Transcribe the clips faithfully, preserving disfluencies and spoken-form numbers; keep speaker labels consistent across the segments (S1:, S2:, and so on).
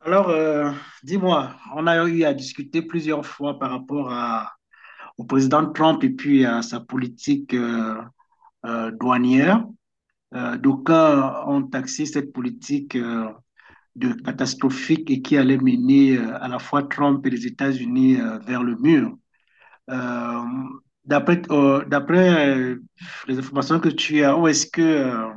S1: Alors, euh, dis-moi, on a eu à discuter plusieurs fois par rapport à, au président Trump et puis à sa politique euh, euh, douanière. Euh, d'aucuns ont taxé cette politique euh, de catastrophique et qui allait mener euh, à la fois Trump et les États-Unis euh, vers le mur. Euh, d'après euh, d'après euh, les informations que tu as, où est-ce que euh,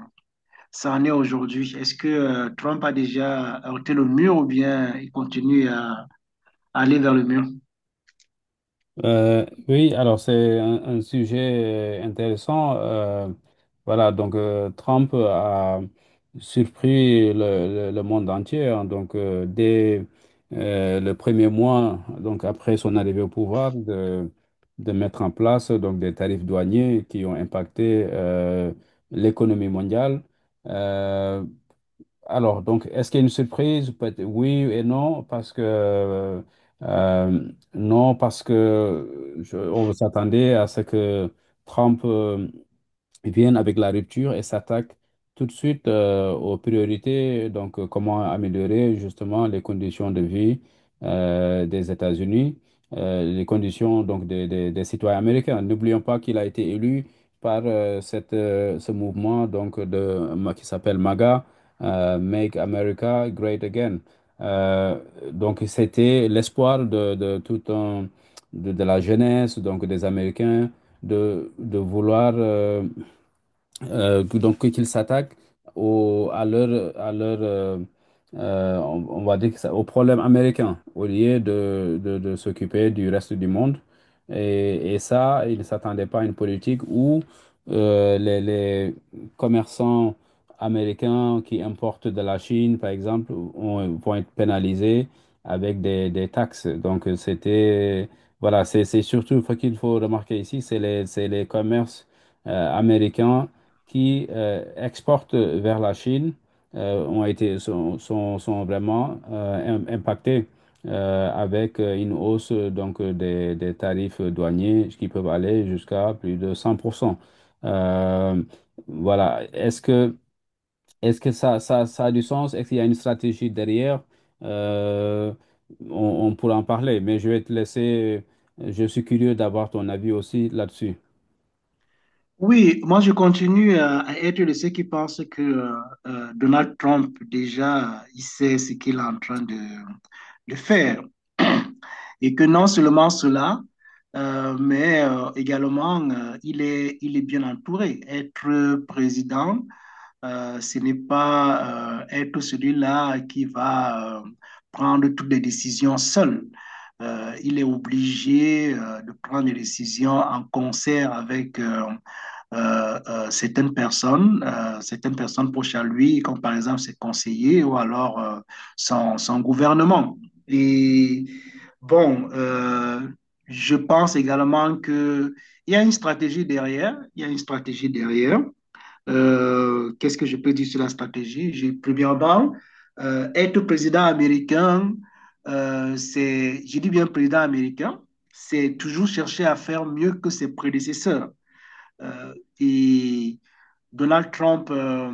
S1: ça en est aujourd'hui? Est-ce que euh, Trump a déjà heurté le mur ou bien il continue à aller vers le mur?
S2: Euh, oui, alors c'est un, un sujet euh, intéressant. Euh, voilà, donc euh, Trump a surpris le, le- le monde entier, hein. Donc euh, dès euh, le premier mois, donc après son arrivée au pouvoir, de, de mettre en place donc des tarifs douaniers qui ont impacté euh, l'économie mondiale. Euh, alors, donc, est-ce qu'il y a une surprise? Peut- être oui et non, parce que euh, euh, non, parce que je- on s'attendait à ce que Trump euh, viennent avec la rupture et s'attaquent tout de suite euh, aux priorités, donc euh, comment améliorer justement les conditions de vie euh, des États-Unis, euh, les conditions donc des, des- des citoyens américains. N'oublions pas qu'il a été élu par euh, cette, euh, ce mouvement donc de, qui s'appelle MAGA, euh, Make America Great Again. Euh, donc c'était l'espoir de, de tout un, de, de la jeunesse, donc des Américains de, de vouloir euh, euh, donc qu'ils s'attaquent au, à leur, à leur euh, euh, on, on va dire que ça, au problème américain au lieu de, de, de s'occuper du reste du monde. Et, et ça, ils ne s'attendaient pas à une politique où euh, les, les commerçants américains qui importent de la Chine, par exemple, ont- vont être pénalisés avec des, des taxes. Donc c'était, voilà, c'est c'est surtout ce qu'il faut remarquer ici, c'est les, c'est les commerces euh, américains qui euh, exportent vers la Chine euh, ont été, sont, sont, sont vraiment euh, im- impactés euh, avec euh, une hausse euh, donc, euh, des, des tarifs douaniers qui peuvent aller jusqu'à plus de 100 %. Euh, voilà. Est-ce que, est-ce que ça, ça, ça a du sens? Est-ce qu'il y a une stratégie derrière? Euh, on, on pourra en parler, mais je vais te laisser. Je suis curieux d'avoir ton avis aussi là-dessus.
S1: Oui, moi je continue à, à être de ceux qui pensent que euh, euh, Donald Trump, déjà, il sait ce qu'il est en train de, de faire. Et que non seulement cela, euh, mais euh, également, euh, il est, il est bien entouré. Être président, Euh, ce n'est pas euh, être celui-là qui va euh, prendre toutes les décisions seul. Euh, il est obligé euh, de prendre des décisions en concert avec euh, euh, euh, certaines personnes, euh, certaines personnes proches à lui, comme par exemple ses conseillers ou alors euh, son, son gouvernement. Et bon, euh, je pense également qu'il y a une stratégie derrière, il y a une stratégie derrière. Euh, qu'est-ce que je peux dire sur la stratégie? J'ai, premièrement, euh, être président américain, euh, c'est, je dis bien président américain, c'est toujours chercher à faire mieux que ses prédécesseurs. Euh, et Donald Trump, euh,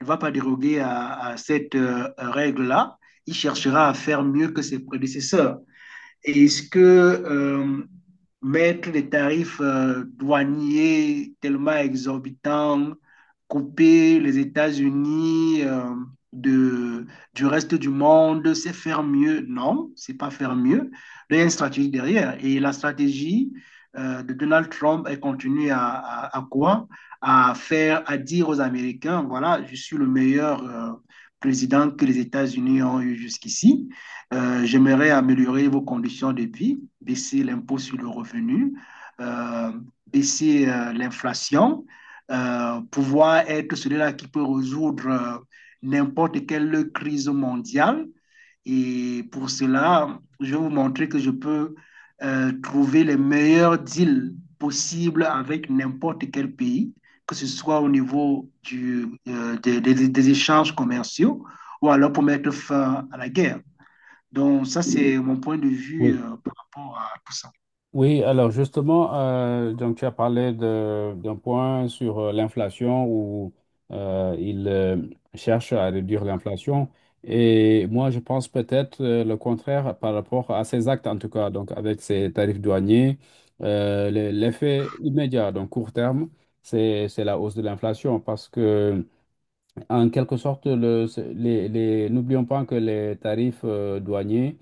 S1: ne va pas déroger à, à cette euh, règle-là. Il cherchera à faire mieux que ses prédécesseurs. Est-ce que euh, mettre les tarifs euh, douaniers tellement exorbitants, couper les États-Unis euh, de, du reste du monde, c'est faire mieux? Non, c'est pas faire mieux. Il y a une stratégie derrière. Et la stratégie euh, de Donald Trump, elle continue à, à, à quoi? À faire, à dire aux Américains, voilà, je suis le meilleur euh, président que les États-Unis ont eu jusqu'ici. Euh, j'aimerais améliorer vos conditions de vie, baisser l'impôt sur le revenu, euh, baisser euh, l'inflation, euh, pouvoir être celui-là qui peut résoudre euh, n'importe quelle crise mondiale. Et pour cela, je vais vous montrer que je peux euh, trouver les meilleurs deals possibles avec n'importe quel pays, que ce soit au niveau du, euh, des, des- des échanges commerciaux ou alors pour mettre fin à la guerre. Donc, ça, c'est mon point de vue
S2: Oui.
S1: euh, par rapport à tout ça.
S2: Oui, alors justement, euh, donc tu as parlé de- d'un point sur euh, l'inflation où euh, il euh, cherche à réduire l'inflation. Et moi, je pense peut-être euh, le contraire par rapport à ces actes, en tout cas, donc avec ces tarifs douaniers, euh, le- l'effet immédiat, donc court terme, c'est, c'est la hausse de l'inflation, parce que en quelque sorte, le- ce- les, les- n'oublions pas que les tarifs euh, douaniers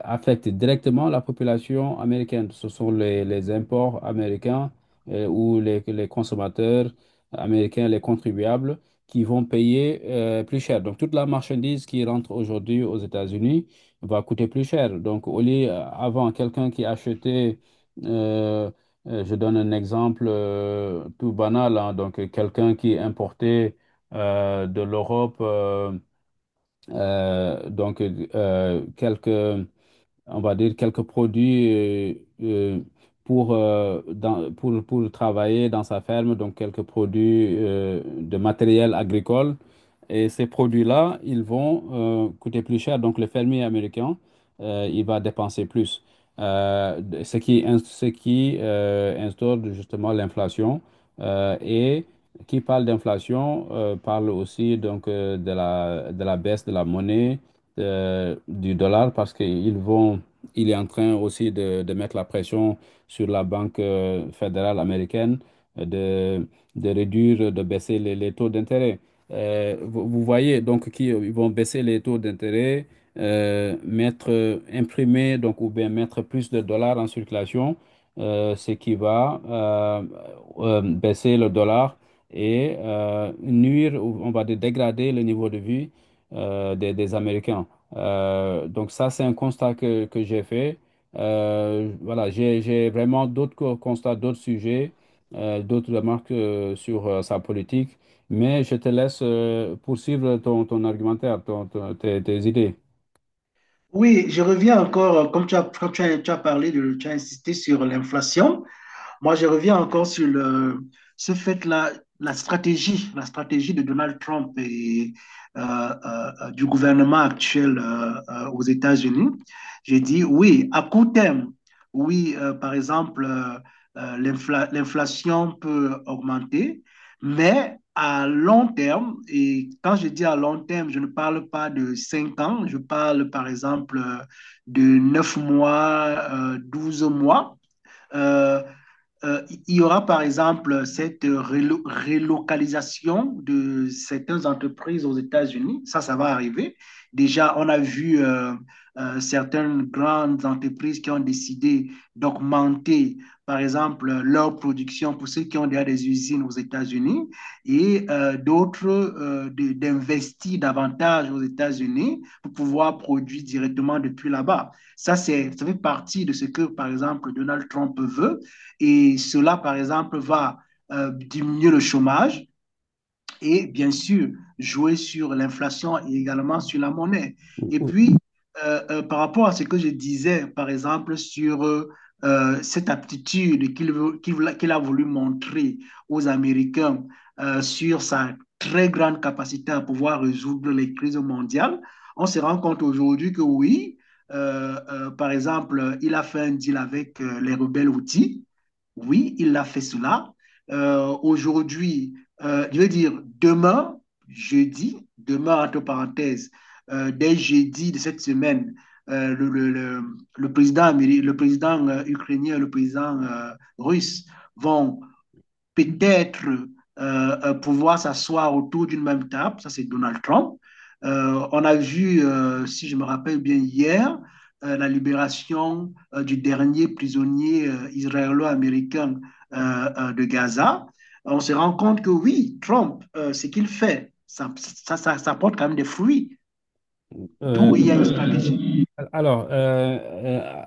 S2: affectent directement la population américaine. Ce sont les, les imports américains euh, ou les, les consommateurs américains, les contribuables, qui vont payer euh, plus cher. Donc, toute la marchandise qui rentre aujourd'hui aux États-Unis va coûter plus cher. Donc, au lieu, euh, avant, quelqu'un qui achetait, euh, euh, je donne un exemple euh, tout banal, hein, donc euh, quelqu'un qui importait euh, de l'Europe, euh, euh, donc euh, quelques, on va dire quelques produits euh, euh, pour, euh, dans- pour, pour travailler dans sa ferme, donc quelques produits euh, de matériel agricole. Et ces produits-là, ils vont euh, coûter plus cher. Donc, le fermier américain, euh, il va dépenser plus. Euh, de- ce qui, ins- ce qui euh, instaure justement l'inflation. Euh, et qui parle d'inflation euh, parle aussi, donc euh, de la, de la baisse de la monnaie, de- du dollar, parce qu'ils vont, il est en train aussi de, de mettre la pression sur la Banque euh, fédérale américaine euh, de, de réduire, de baisser les les taux d'intérêt. Euh, vous, vous voyez, donc, qui, euh, ils vont baisser les taux d'intérêt, euh, mettre, euh, imprimer, donc, ou bien mettre plus de dollars en circulation, euh, ce qui va euh, euh, baisser le dollar et euh, nuire, ou on va dire dégrader le niveau de vie euh, des, des Américains. Euh, donc, ça, c'est un constat que, que j'ai fait. Euh, voilà, j'ai, j'ai vraiment d'autres co- constats, d'autres sujets, euh, d'autres remarques euh, sur euh, sa politique. Mais je te laisse euh, poursuivre ton, ton argumentaire, ton- ton- tes, tes idées.
S1: Oui, je reviens encore, euh, comme tu as, quand tu as, tu as parlé, de, tu as insisté sur l'inflation. Moi, je reviens encore sur le, ce fait-là, la stratégie, la stratégie de Donald Trump et euh, euh, euh, du gouvernement actuel euh, euh, aux États-Unis. J'ai dit oui, à court terme, oui, euh, par exemple, euh, euh, l'infla- l'inflation peut augmenter, mais à long terme, et quand je dis à long terme, je ne parle pas de cinq ans, je parle par exemple euh, de neuf mois, euh, douze mois. Euh, euh, il y aura par exemple cette rélo- relocalisation de certaines entreprises aux États-Unis. Ça, ça va arriver. Déjà, on a vu euh, euh, certaines grandes entreprises qui ont décidé d'augmenter, par exemple, leur production pour ceux qui ont déjà des usines aux États-Unis et euh, d'autres euh, de- d'investir davantage aux États-Unis pour pouvoir produire directement depuis là-bas. Ça, c'est, ça fait partie de ce que, par exemple, Donald Trump veut et cela, par exemple, va euh, diminuer le chômage et bien sûr jouer sur l'inflation et également sur la monnaie. Et puis, euh, euh, par rapport à ce que je disais, par exemple, sur euh, euh, cette aptitude qu'il veut- qu'il qu'il a voulu montrer aux Américains euh, sur sa très grande capacité à pouvoir résoudre les crises mondiales, on se rend compte aujourd'hui que oui, euh, euh, par exemple, il a fait un deal avec euh, les rebelles outils oui, il a fait cela. Euh, aujourd'hui, euh, je veux dire, demain, jeudi, demain, entre parenthèses, euh, dès jeudi de cette semaine, euh, le, le, le, le président, améri- le président euh, ukrainien, le président euh, russe vont peut-être euh, euh, pouvoir s'asseoir autour d'une même table, ça c'est Donald Trump. Euh, on a vu, euh, si je me rappelle bien hier, euh, la libération euh, du dernier prisonnier euh, israélo-américain euh, euh, de Gaza. On se rend compte que oui, Trump, euh, ce qu'il fait, ça, ça, ça, ça, porte quand même des fruits,
S2: Euh,
S1: d'où il y a une
S2: oui, oui.
S1: stratégie.
S2: Alors, euh, euh,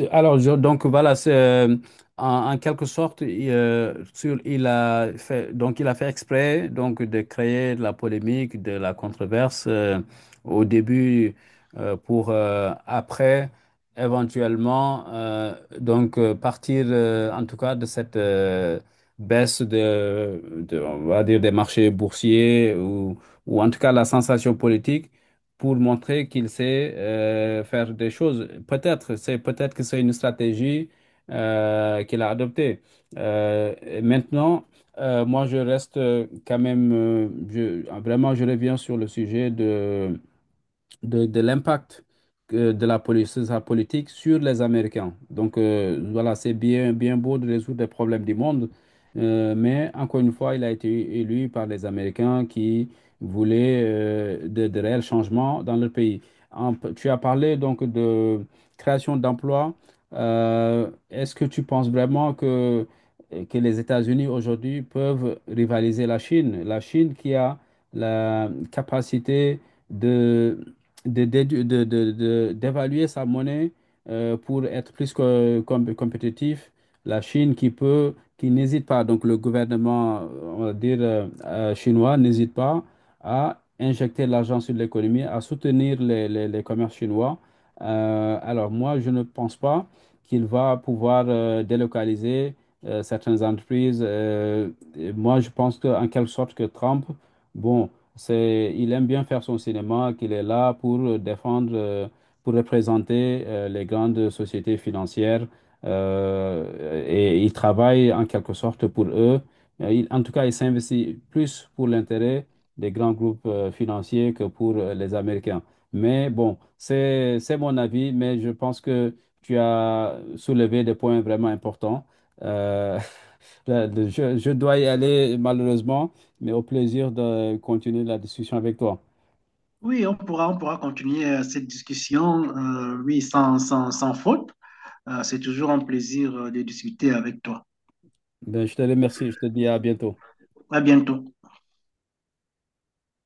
S2: euh, alors je- donc voilà, c'est euh, en, en quelque sorte, il, euh, sur- il a fait, donc il a fait exprès donc de créer de la polémique, de la controverse euh, au début euh, pour euh, après éventuellement euh, donc euh, partir euh, en tout cas de cette euh, baisse de, de- on va dire des marchés boursiers ou ou en tout cas la sensation politique, pour montrer qu'il sait euh, faire des choses. Peut-être, c'est peut-être que c'est une stratégie euh, qu'il a adoptée. Euh, et maintenant, euh, moi, je reste euh, quand même, euh, je- vraiment, je reviens sur le sujet de de, de l'impact que- de la politique, sa politique sur les Américains. Donc euh, voilà, c'est bien, bien beau de résoudre les problèmes du monde, euh, mais encore une fois, il a été élu par les Américains qui voulaient euh, de, de réels changements dans leur pays. En- tu as parlé donc de création d'emplois. Euh, est-ce que tu penses vraiment que, euh, que les États-Unis aujourd'hui peuvent rivaliser la Chine? La Chine qui a la capacité de de, d'édu- de- de- de- d'évaluer sa monnaie euh, pour être plus que com- compétitif. La Chine qui peut, qui n'hésite pas, donc le gouvernement, euh, on va dire, euh, euh, chinois, n'hésite pas à injecter l'argent sur l'économie, à soutenir les, les, les commerces chinois. Euh, alors moi, je ne pense pas qu'il va pouvoir euh, délocaliser euh, certaines entreprises. Euh, et moi, je pense que en quelque sorte que Trump, bon, c'est, il aime bien faire son cinéma, qu'il est là pour euh, défendre, euh, pour représenter euh, les grandes sociétés financières, euh, et il travaille en quelque sorte pour eux. Euh, il- en tout cas, il s'investit plus pour l'intérêt des grands groupes euh, financiers que pour euh, les Américains. Mais bon, c'est, c'est mon avis, mais je pense que tu as soulevé des points vraiment importants. Euh, je je dois y aller malheureusement, mais au plaisir de continuer la discussion avec toi.
S1: Oui, on pourra, on pourra continuer euh, cette discussion, euh, oui, sans, sans, sans faute. Euh, c'est toujours un plaisir euh, de discuter avec toi.
S2: Ben, je te remercie, je te dis à bientôt.
S1: À bientôt.